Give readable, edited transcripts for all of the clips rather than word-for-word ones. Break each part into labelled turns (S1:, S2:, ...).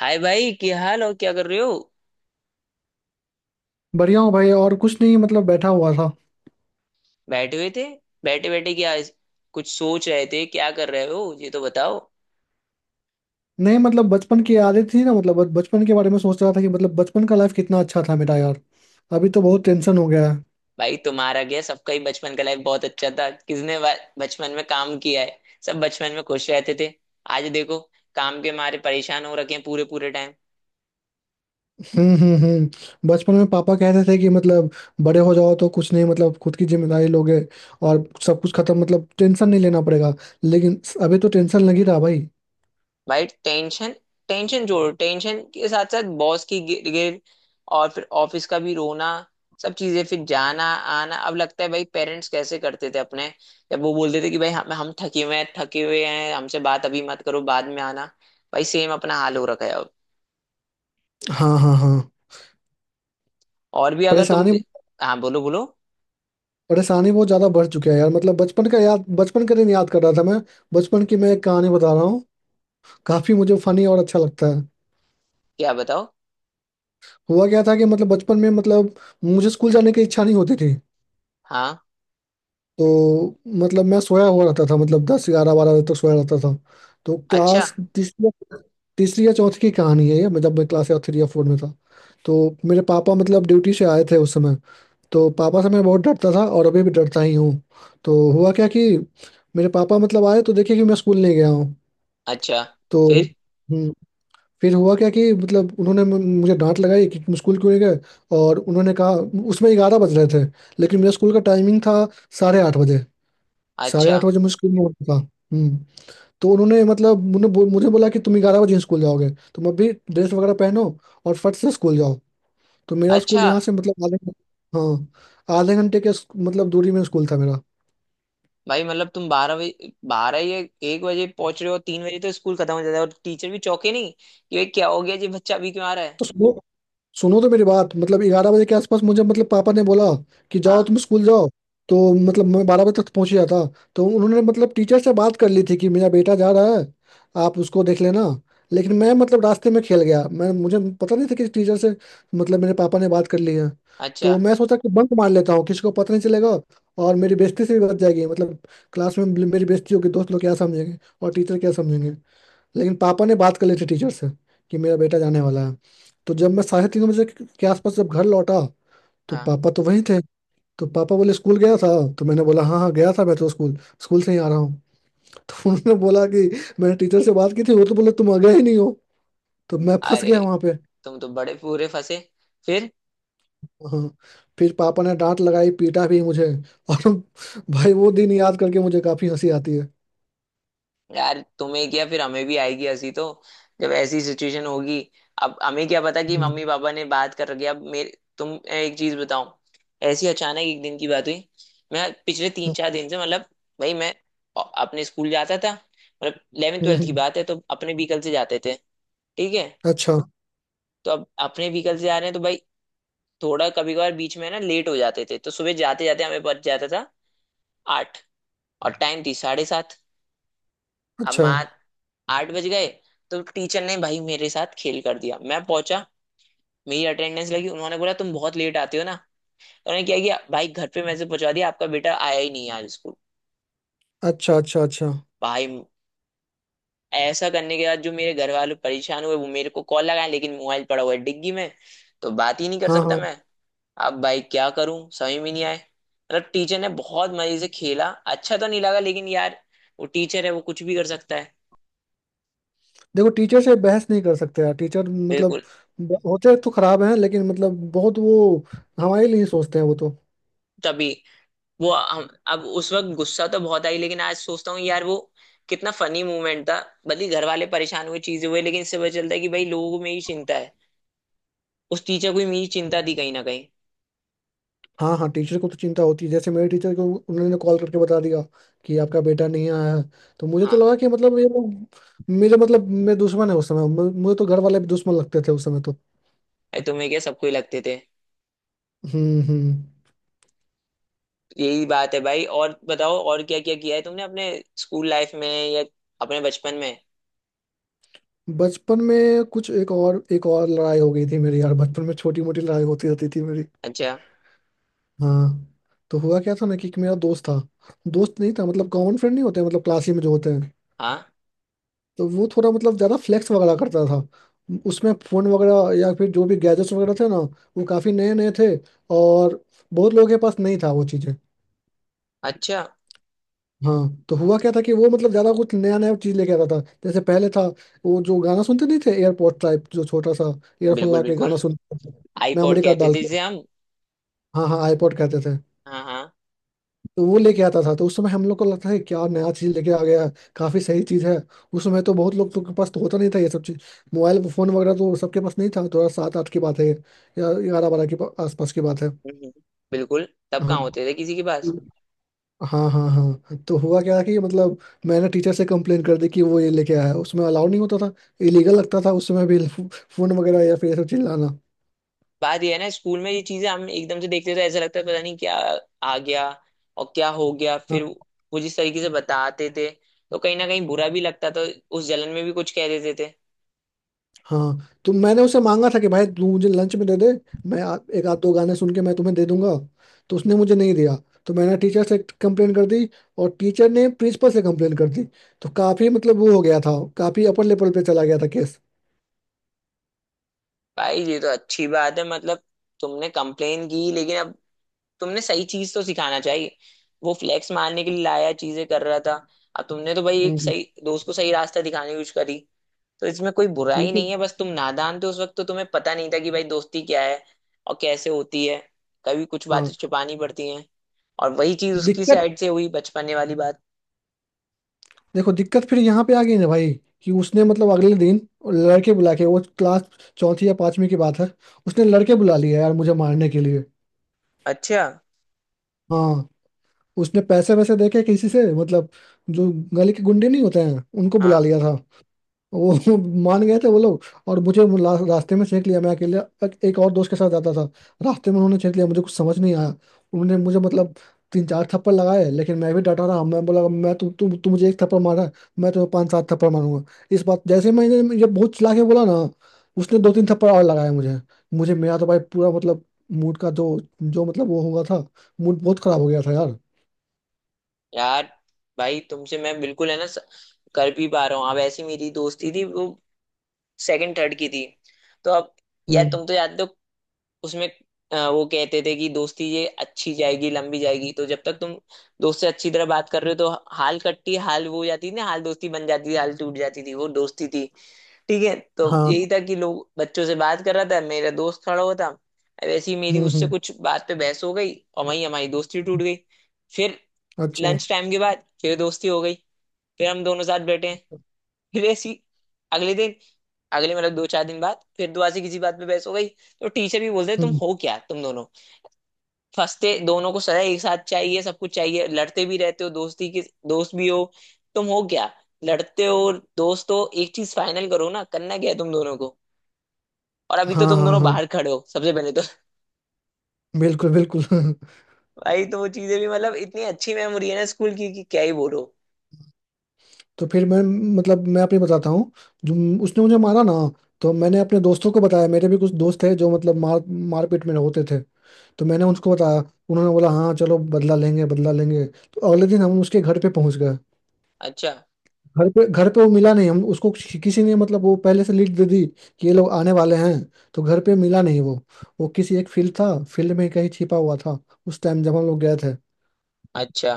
S1: हाय भाई, क्या हाल और क्या कर रहे हो?
S2: बढ़िया हूँ भाई। और कुछ नहीं, मतलब बैठा हुआ था।
S1: बैठे हुए थे। बैठे बैठे क्या कुछ सोच रहे थे, क्या कर रहे हो ये तो बताओ।
S2: नहीं मतलब, बचपन की यादें थी ना। मतलब बचपन के बारे में सोच रहा था कि मतलब बचपन का लाइफ कितना अच्छा था मेरा यार। अभी तो बहुत टेंशन हो गया है।
S1: भाई तुम्हारा क्या, सबका ही बचपन का लाइफ बहुत अच्छा था। बचपन में काम किया है? सब बचपन में खुश रहते थे। आज देखो, काम के मारे परेशान हो रखे हैं पूरे पूरे टाइम।
S2: हम्म, हम्म, हम्म, बचपन में पापा कहते थे कि मतलब बड़े हो जाओ तो कुछ नहीं, मतलब खुद की जिम्मेदारी लोगे और सब कुछ खत्म। मतलब टेंशन नहीं लेना पड़ेगा। लेकिन अभी तो टेंशन लग ही रहा भाई।
S1: भाई टेंशन, टेंशन जोड़ो, टेंशन के साथ साथ बॉस की गिर गिर और फिर ऑफिस का भी रोना, सब चीजें, फिर जाना आना। अब लगता है भाई पेरेंट्स कैसे करते थे अपने, जब वो बोलते थे कि भाई हम थके हुए हैं, थके हुए हैं, हमसे बात अभी मत करो, बाद में आना। भाई सेम अपना हाल हो रखा है अब।
S2: हाँ हाँ हाँ।
S1: और भी अगर तुम।
S2: परेशानी।
S1: हाँ, बोलो बोलो।
S2: परेशानी बहुत ज्यादा बढ़ चुकी है यार। मतलब बचपन का याद, बचपन का दिन याद कर रहा था मैं। बचपन की मैं एक कहानी बता रहा हूँ। काफी मुझे फनी और अच्छा लगता है।
S1: क्या बताओ?
S2: हुआ क्या था कि मतलब बचपन में मतलब मुझे स्कूल जाने की इच्छा नहीं होती थी।
S1: हाँ।
S2: तो मतलब मैं सोया हुआ रहता था, मतलब 10, 11, 12 बजे तक सोया रहता था। तो
S1: अच्छा।
S2: क्लास तीसरी, तीसरी या चौथी की कहानी है ये। मैं जब मैं क्लास या थ्री या फोर में था, तो मेरे पापा मतलब ड्यूटी से आए थे उस समय। तो पापा से मैं बहुत डरता था और अभी भी डरता ही हूँ। तो हुआ क्या कि मेरे पापा मतलब आए तो देखे कि मैं स्कूल नहीं गया हूँ।
S1: अच्छा।
S2: तो
S1: फिर?
S2: हम्म, फिर हुआ क्या कि मतलब उन्होंने मुझे डांट लगाई कि तुम स्कूल क्यों नहीं गए। और उन्होंने कहा, उसमें 11 बज रहे थे, लेकिन मेरा स्कूल का टाइमिंग था 8:30 बजे। साढ़े
S1: अच्छा।
S2: आठ बजे मुझे स्कूल में होना था। हम्म, तो उन्होंने मतलब मुझे मुझे बोला कि तुम 11 बजे ही स्कूल जाओगे। तुम अभी ड्रेस वगैरह पहनो और फट से स्कूल जाओ। तो मेरा स्कूल
S1: अच्छा।
S2: यहाँ से मतलब आधे, हाँ आधे घंटे के मतलब दूरी में स्कूल था मेरा।
S1: भाई मतलब तुम 12 बजे, 12 या 1 बजे पहुंच रहे हो, 3 बजे तो स्कूल खत्म हो जाता है और टीचर भी चौके नहीं कि भाई क्या हो गया जी, बच्चा अभी क्यों आ रहा है?
S2: तो सुबह, सुनो तो मेरी बात, मतलब 11 बजे के आसपास मुझे मतलब पापा ने बोला कि
S1: हाँ।
S2: जाओ तुम स्कूल जाओ। तो मतलब मैं 12 बजे तक तो पहुंच ही जाता। तो उन्होंने मतलब टीचर से बात कर ली थी कि मेरा बेटा जा रहा है, आप उसको देख लेना। लेकिन मैं मतलब रास्ते में खेल गया। मैं, मुझे पता नहीं था कि टीचर से मतलब मेरे पापा ने बात कर ली है।
S1: अच्छा।
S2: तो मैं सोचा कि बंक मार लेता हूँ, किसी को पता नहीं चलेगा और मेरी बेइज्जती से भी बच जाएगी। मतलब क्लास में मेरी बेइज्जती होगी, दोस्त लोग क्या समझेंगे और टीचर क्या समझेंगे। लेकिन पापा ने बात कर ली थी टीचर से कि मेरा बेटा जाने वाला है। तो जब मैं 3:30 बजे के आसपास जब घर लौटा, तो
S1: हाँ।
S2: पापा तो वहीं थे। तो पापा बोले स्कूल गया था? तो मैंने बोला हाँ हाँ गया था मैं तो स्कूल स्कूल से ही आ रहा हूँ। तो उन्होंने बोला कि मैंने टीचर से बात की थी, वो तो बोले तुम आ गए ही नहीं हो। तो मैं फंस
S1: अरे
S2: गया वहाँ पे।
S1: तुम तो बड़े पूरे फंसे। फिर?
S2: हाँ, फिर पापा ने डांट लगाई, पीटा भी मुझे और भाई वो दिन याद करके मुझे काफी हंसी आती है।
S1: यार तुम्हें क्या, फिर हमें भी आएगी हंसी तो, जब ऐसी सिचुएशन होगी। अब हमें क्या पता कि मम्मी
S2: हम्म,
S1: पापा ने बात कर रखी है। अब मेरे तुम एक चीज बताओ, ऐसी अचानक एक दिन की बात हुई। मैं पिछले 3-4 दिन से मतलब, भाई मैं अपने स्कूल जाता था, मतलब इलेवन
S2: हम्म,
S1: ट्वेल्थ की
S2: हम्म,
S1: बात है, तो अपने व्हीकल से जाते थे। ठीक है।
S2: अच्छा
S1: तो अब अपने व्हीकल से जा रहे हैं तो भाई थोड़ा कभी कभार बीच में ना लेट हो जाते थे, तो सुबह जाते जाते हमें बच जाता था 8, और टाइम थी 7:30। अब
S2: अच्छा
S1: मान 8 बज गए तो टीचर ने भाई मेरे साथ खेल कर दिया। मैं पहुंचा, मेरी अटेंडेंस लगी, उन्होंने बोला तुम बहुत लेट आते हो ना। तो उन्होंने क्या किया भाई, घर पे मैसेज पहुंचा दिया आपका बेटा आया ही नहीं आज स्कूल।
S2: अच्छा। अच्छा अच्छा।
S1: भाई ऐसा करने के बाद जो मेरे घर वाले परेशान हुए, वो मेरे को कॉल लगाए, लेकिन मोबाइल पड़ा हुआ है डिग्गी में, तो बात ही नहीं कर
S2: हाँ
S1: सकता
S2: हाँ।
S1: मैं। अब भाई क्या करूं समझ में नहीं आए, मतलब टीचर ने बहुत मजे से खेला। अच्छा तो नहीं लगा लेकिन यार, वो टीचर है, वो कुछ भी कर सकता है।
S2: देखो टीचर से बहस नहीं कर सकते यार। टीचर मतलब
S1: बिल्कुल।
S2: होते तो खराब हैं, लेकिन मतलब बहुत वो हमारे लिए ही सोचते हैं वो तो।
S1: तभी वो हम अब उस वक्त गुस्सा तो बहुत आई लेकिन आज सोचता हूँ यार वो कितना फनी मूवमेंट था। भले घर वाले परेशान हुए, चीजें हुए, लेकिन इससे पता चलता है कि भाई लोगों में ही चिंता है, उस टीचर को भी मेरी चिंता थी कहीं ना कहीं।
S2: हाँ हाँ, टीचर को तो चिंता होती है। जैसे मेरे टीचर को, उन्होंने कॉल करके बता दिया कि आपका बेटा नहीं आया है। तो मुझे तो
S1: हाँ।
S2: लगा कि मतलब ये लोग मेरे, मतलब मेरे दुश्मन है उस समय। मुझे तो घर वाले भी दुश्मन लगते थे उस समय तो।
S1: अरे तुम्हें क्या, सबको ही लगते थे।
S2: हम्म।
S1: यही बात है भाई। और बताओ, और क्या क्या किया है तुमने अपने स्कूल लाइफ में या अपने बचपन में?
S2: बचपन में कुछ एक और लड़ाई हो गई थी मेरी यार। बचपन में छोटी मोटी लड़ाई होती रहती थी मेरी।
S1: अच्छा।
S2: हाँ। तो हुआ क्या था ना कि एक मेरा दोस्त था। दोस्त नहीं था मतलब, कॉमन फ्रेंड नहीं होते, मतलब क्लास ही में जो होते हैं।
S1: हाँ।
S2: तो वो थोड़ा मतलब ज्यादा फ्लेक्स वगैरह करता था। उसमें फोन वगैरह या फिर जो भी गैजेट्स वगैरह थे ना वो काफी नए नए थे। और बहुत लोगों के पास नहीं था वो चीजें।
S1: अच्छा।
S2: हाँ। तो हुआ क्या था कि वो मतलब ज्यादा कुछ नया नया चीज लेके आता था। जैसे पहले था वो जो गाना सुनते नहीं थे, एयरपोर्ट टाइप जो छोटा सा ईयरफोन
S1: बिल्कुल
S2: ला के
S1: बिल्कुल,
S2: गाना सुनते थे,
S1: आईपॉड
S2: मेमोरी कार्ड
S1: कहते
S2: डाल
S1: थे
S2: के।
S1: जिसे हम।
S2: हाँ हाँ, आईपॉड कहते थे।
S1: हाँ हाँ।
S2: तो वो लेके आता था। तो उस समय हम लोग को लगता है क्या नया चीज लेके आ गया है, काफी सही चीज है। उस समय तो बहुत लोग तो के पास तो होता नहीं था ये सब चीज। मोबाइल फोन वगैरह तो सबके पास नहीं था। थोड़ा 7-8 की बात है या 11-12 के आसपास की बात है।
S1: हम्म, हम्म, बिल्कुल, तब
S2: हाँ
S1: कहाँ होते थे किसी के पास।
S2: हाँ हाँ हाँ। तो हुआ क्या कि मतलब मैंने टीचर से कंप्लेन कर दी कि वो ये लेके आया है। उसमें अलाउड नहीं होता था। इलीगल लगता था उस समय भी, फोन वगैरह या फिर ये सब चीज लाना।
S1: बात ये है ना, स्कूल में ये चीजें हम एकदम से देखते थे, ऐसा लगता है पता नहीं क्या आ गया। और क्या हो गया फिर, वो जिस तरीके से बताते थे, तो कहीं ना कहीं बुरा भी लगता था, उस जलन में भी कुछ कह देते थे।
S2: हाँ। तो मैंने उसे मांगा था कि भाई तू मुझे लंच में दे दे, मैं एक आध दो गाने सुन के मैं तुम्हें दे दूंगा। तो उसने मुझे नहीं दिया। तो मैंने टीचर से कंप्लेन कर दी और टीचर ने प्रिंसिपल से कंप्लेन कर दी। तो काफी मतलब वो हो गया था, काफी अपर लेवल पे चला गया था केस।
S1: भाई ये तो अच्छी बात है, मतलब तुमने कंप्लेन की, लेकिन अब तुमने सही चीज तो सिखाना चाहिए। वो फ्लैक्स मारने के लिए लाया, चीजें कर रहा था। अब तुमने तो भाई एक
S2: हम्म।
S1: सही दोस्त को सही रास्ता दिखाने की कोशिश करी, तो इसमें कोई बुराई
S2: लेकिन
S1: नहीं है। बस तुम नादान थे उस वक्त, तो तुम्हें पता नहीं था कि भाई दोस्ती क्या है और कैसे होती है, कभी कुछ बातें
S2: हाँ।
S1: छुपानी पड़ती हैं। और वही चीज उसकी
S2: दिक्कत,
S1: साइड से हुई बचपने वाली बात।
S2: देखो दिक्कत फिर यहाँ पे आ गई ना भाई कि उसने मतलब अगले दिन लड़के बुला के, वो क्लास चौथी या पांचवी की बात है, उसने लड़के बुला लिया यार मुझे मारने के लिए।
S1: अच्छा।
S2: हाँ। उसने पैसे वैसे देके किसी से मतलब जो गली के गुंडे नहीं होते हैं उनको बुला
S1: हाँ।
S2: लिया था। वो मान गए थे वो लोग और मुझे रास्ते में छेक लिया। मैं अकेले, एक एक और दोस्त के साथ जाता था। रास्ते में उन्होंने छेक लिया, मुझे कुछ समझ नहीं आया। उन्होंने मुझे मतलब तीन चार थप्पड़ लगाए, लेकिन मैं भी डटा रहा। मैं बोला मैं, तू तू तू मुझे एक थप्पड़ मारा है, मैं तुम्हें पांच सात थप्पड़ मारूंगा। इस बात जैसे मैंने ये बहुत चिल्ला के बोला ना, उसने दो तीन थप्पड़ और लगाए मुझे। मुझे मेरा तो भाई पूरा मतलब मूड का जो, जो मतलब वो हुआ था, मूड बहुत खराब हो गया था यार।
S1: यार भाई तुमसे मैं बिल्कुल है ना कर भी पा रहा हूँ। अब ऐसी मेरी दोस्ती थी वो सेकंड थर्ड की थी, तो अब यार
S2: हम्म।
S1: तुम तो जानते हो उसमें, वो कहते थे कि दोस्ती ये अच्छी जाएगी, लंबी जाएगी, तो जब तक तुम दोस्त से अच्छी तरह बात कर रहे हो तो हाल कट्टी, हाल वो हो जाती थी ना, हाल दोस्ती बन जाती थी, हाल टूट जाती थी वो दोस्ती थी। ठीक है, तो
S2: हाँ।
S1: यही था कि लोग बच्चों से बात कर रहा था, मेरा दोस्त खड़ा हुआ था, वैसे ही मेरी उससे
S2: हम्म।
S1: कुछ बात पे बहस हो गई और वहीं हमारी दोस्ती टूट गई। फिर
S2: अच्छा।
S1: लंच टाइम के बाद फिर दोस्ती हो गई, फिर हम दोनों साथ बैठे हैं, फिर ऐसी अगले दिन, अगले मतलब 2-4 दिन बाद फिर दोबारा से किसी बात पे बहस हो गई। तो टीचर भी बोलते तुम
S2: हम्म।
S1: हो क्या, तुम दोनों फंसते, दोनों को सजा एक साथ चाहिए, सब कुछ चाहिए, लड़ते भी रहते हो, दोस्ती के दोस्त भी हो, तुम हो क्या? लड़ते हो, दोस्त हो, एक चीज फाइनल करो ना, करना क्या है तुम दोनों को? और अभी तो
S2: हाँ
S1: तुम
S2: हाँ
S1: दोनों
S2: हाँ।
S1: बाहर खड़े हो सबसे पहले तो।
S2: बिल्कुल बिल्कुल।
S1: भाई तो वो चीजें भी मतलब इतनी अच्छी मेमोरी है ना स्कूल की कि क्या ही बोलो।
S2: तो फिर मैं, मतलब मैं अपनी बताता हूँ। जो उसने मुझे मारा ना, तो मैंने अपने दोस्तों को बताया। मेरे भी कुछ दोस्त थे जो मतलब मार, मारपीट में होते थे। तो मैंने उनको बताया, उन्होंने बोला हाँ चलो बदला लेंगे बदला लेंगे। तो अगले दिन हम उसके घर पे पहुंच गए।
S1: अच्छा।
S2: घर पे, घर पे वो मिला नहीं। हम उसको, किसी ने मतलब वो पहले से लीड दे दी कि ये लोग आने वाले हैं। तो घर पे मिला नहीं वो। वो किसी एक फील्ड था, फील्ड में कहीं छिपा हुआ था उस टाइम, जब हम लोग गए थे।
S1: अच्छा।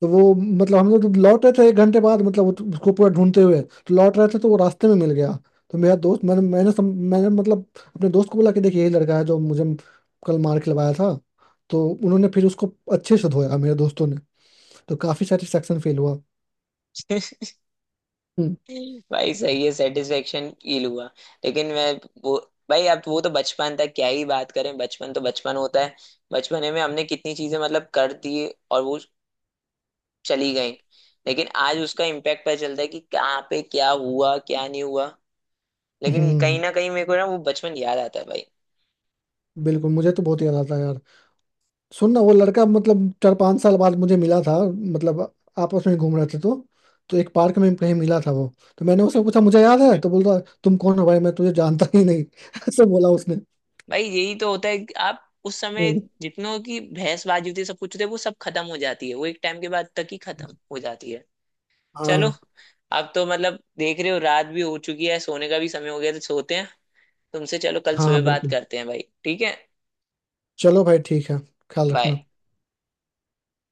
S2: तो वो मतलब हम लोग लौट रहे थे 1 घंटे बाद, मतलब वो उसको पूरा ढूंढते हुए तो लौट रहे थे। तो वो रास्ते में मिल गया। तो मेरा दोस्त, मैंने मैंने सम, मैंने मतलब अपने दोस्त को बोला कि देखिए यही लड़का है जो मुझे कल मार के लवाया था। तो उन्होंने फिर उसको अच्छे से धोया मेरे दोस्तों ने। तो काफी सेटिस्फेक्शन फील हुआ। हम्म।
S1: भाई सही है, सेटिस्फेक्शन फील हुआ। लेकिन मैं वो, भाई अब वो तो बचपन था, क्या ही बात करें, बचपन तो बचपन होता है। बचपने में हमने कितनी चीजें मतलब कर दी और वो चली गई, लेकिन आज उसका इम्पैक्ट पता चलता है कि कहाँ पे क्या हुआ क्या नहीं हुआ। लेकिन
S2: हम्म।
S1: कहीं ना कहीं मेरे को ना वो बचपन याद आता है भाई।
S2: बिल्कुल मुझे तो बहुत याद आता है यार। सुन ना, वो लड़का मतलब 4-5 साल बाद मुझे मिला था। मतलब आपस में घूम रहे थे तो एक पार्क में कहीं मिला था वो। तो मैंने उससे पूछा मुझे याद है तो, बोल रहा तुम कौन हो भाई, मैं तुझे जानता ही नहीं। ऐसे बोला उसने।
S1: भाई यही तो होता है कि आप उस समय
S2: हम्म,
S1: जितनों की बहसबाजी होती है, सब कुछ होती है, वो सब खत्म हो जाती है, वो एक टाइम के बाद तक ही खत्म हो जाती है। चलो,
S2: हाँ
S1: अब तो मतलब देख रहे हो रात भी हो चुकी है, सोने का भी समय हो गया, तो सोते हैं। तुमसे चलो कल
S2: हाँ
S1: सुबह
S2: हाँ।
S1: बात
S2: बिल्कुल,
S1: करते हैं भाई, ठीक है?
S2: चलो भाई ठीक है। ख्याल रखना।
S1: बाय।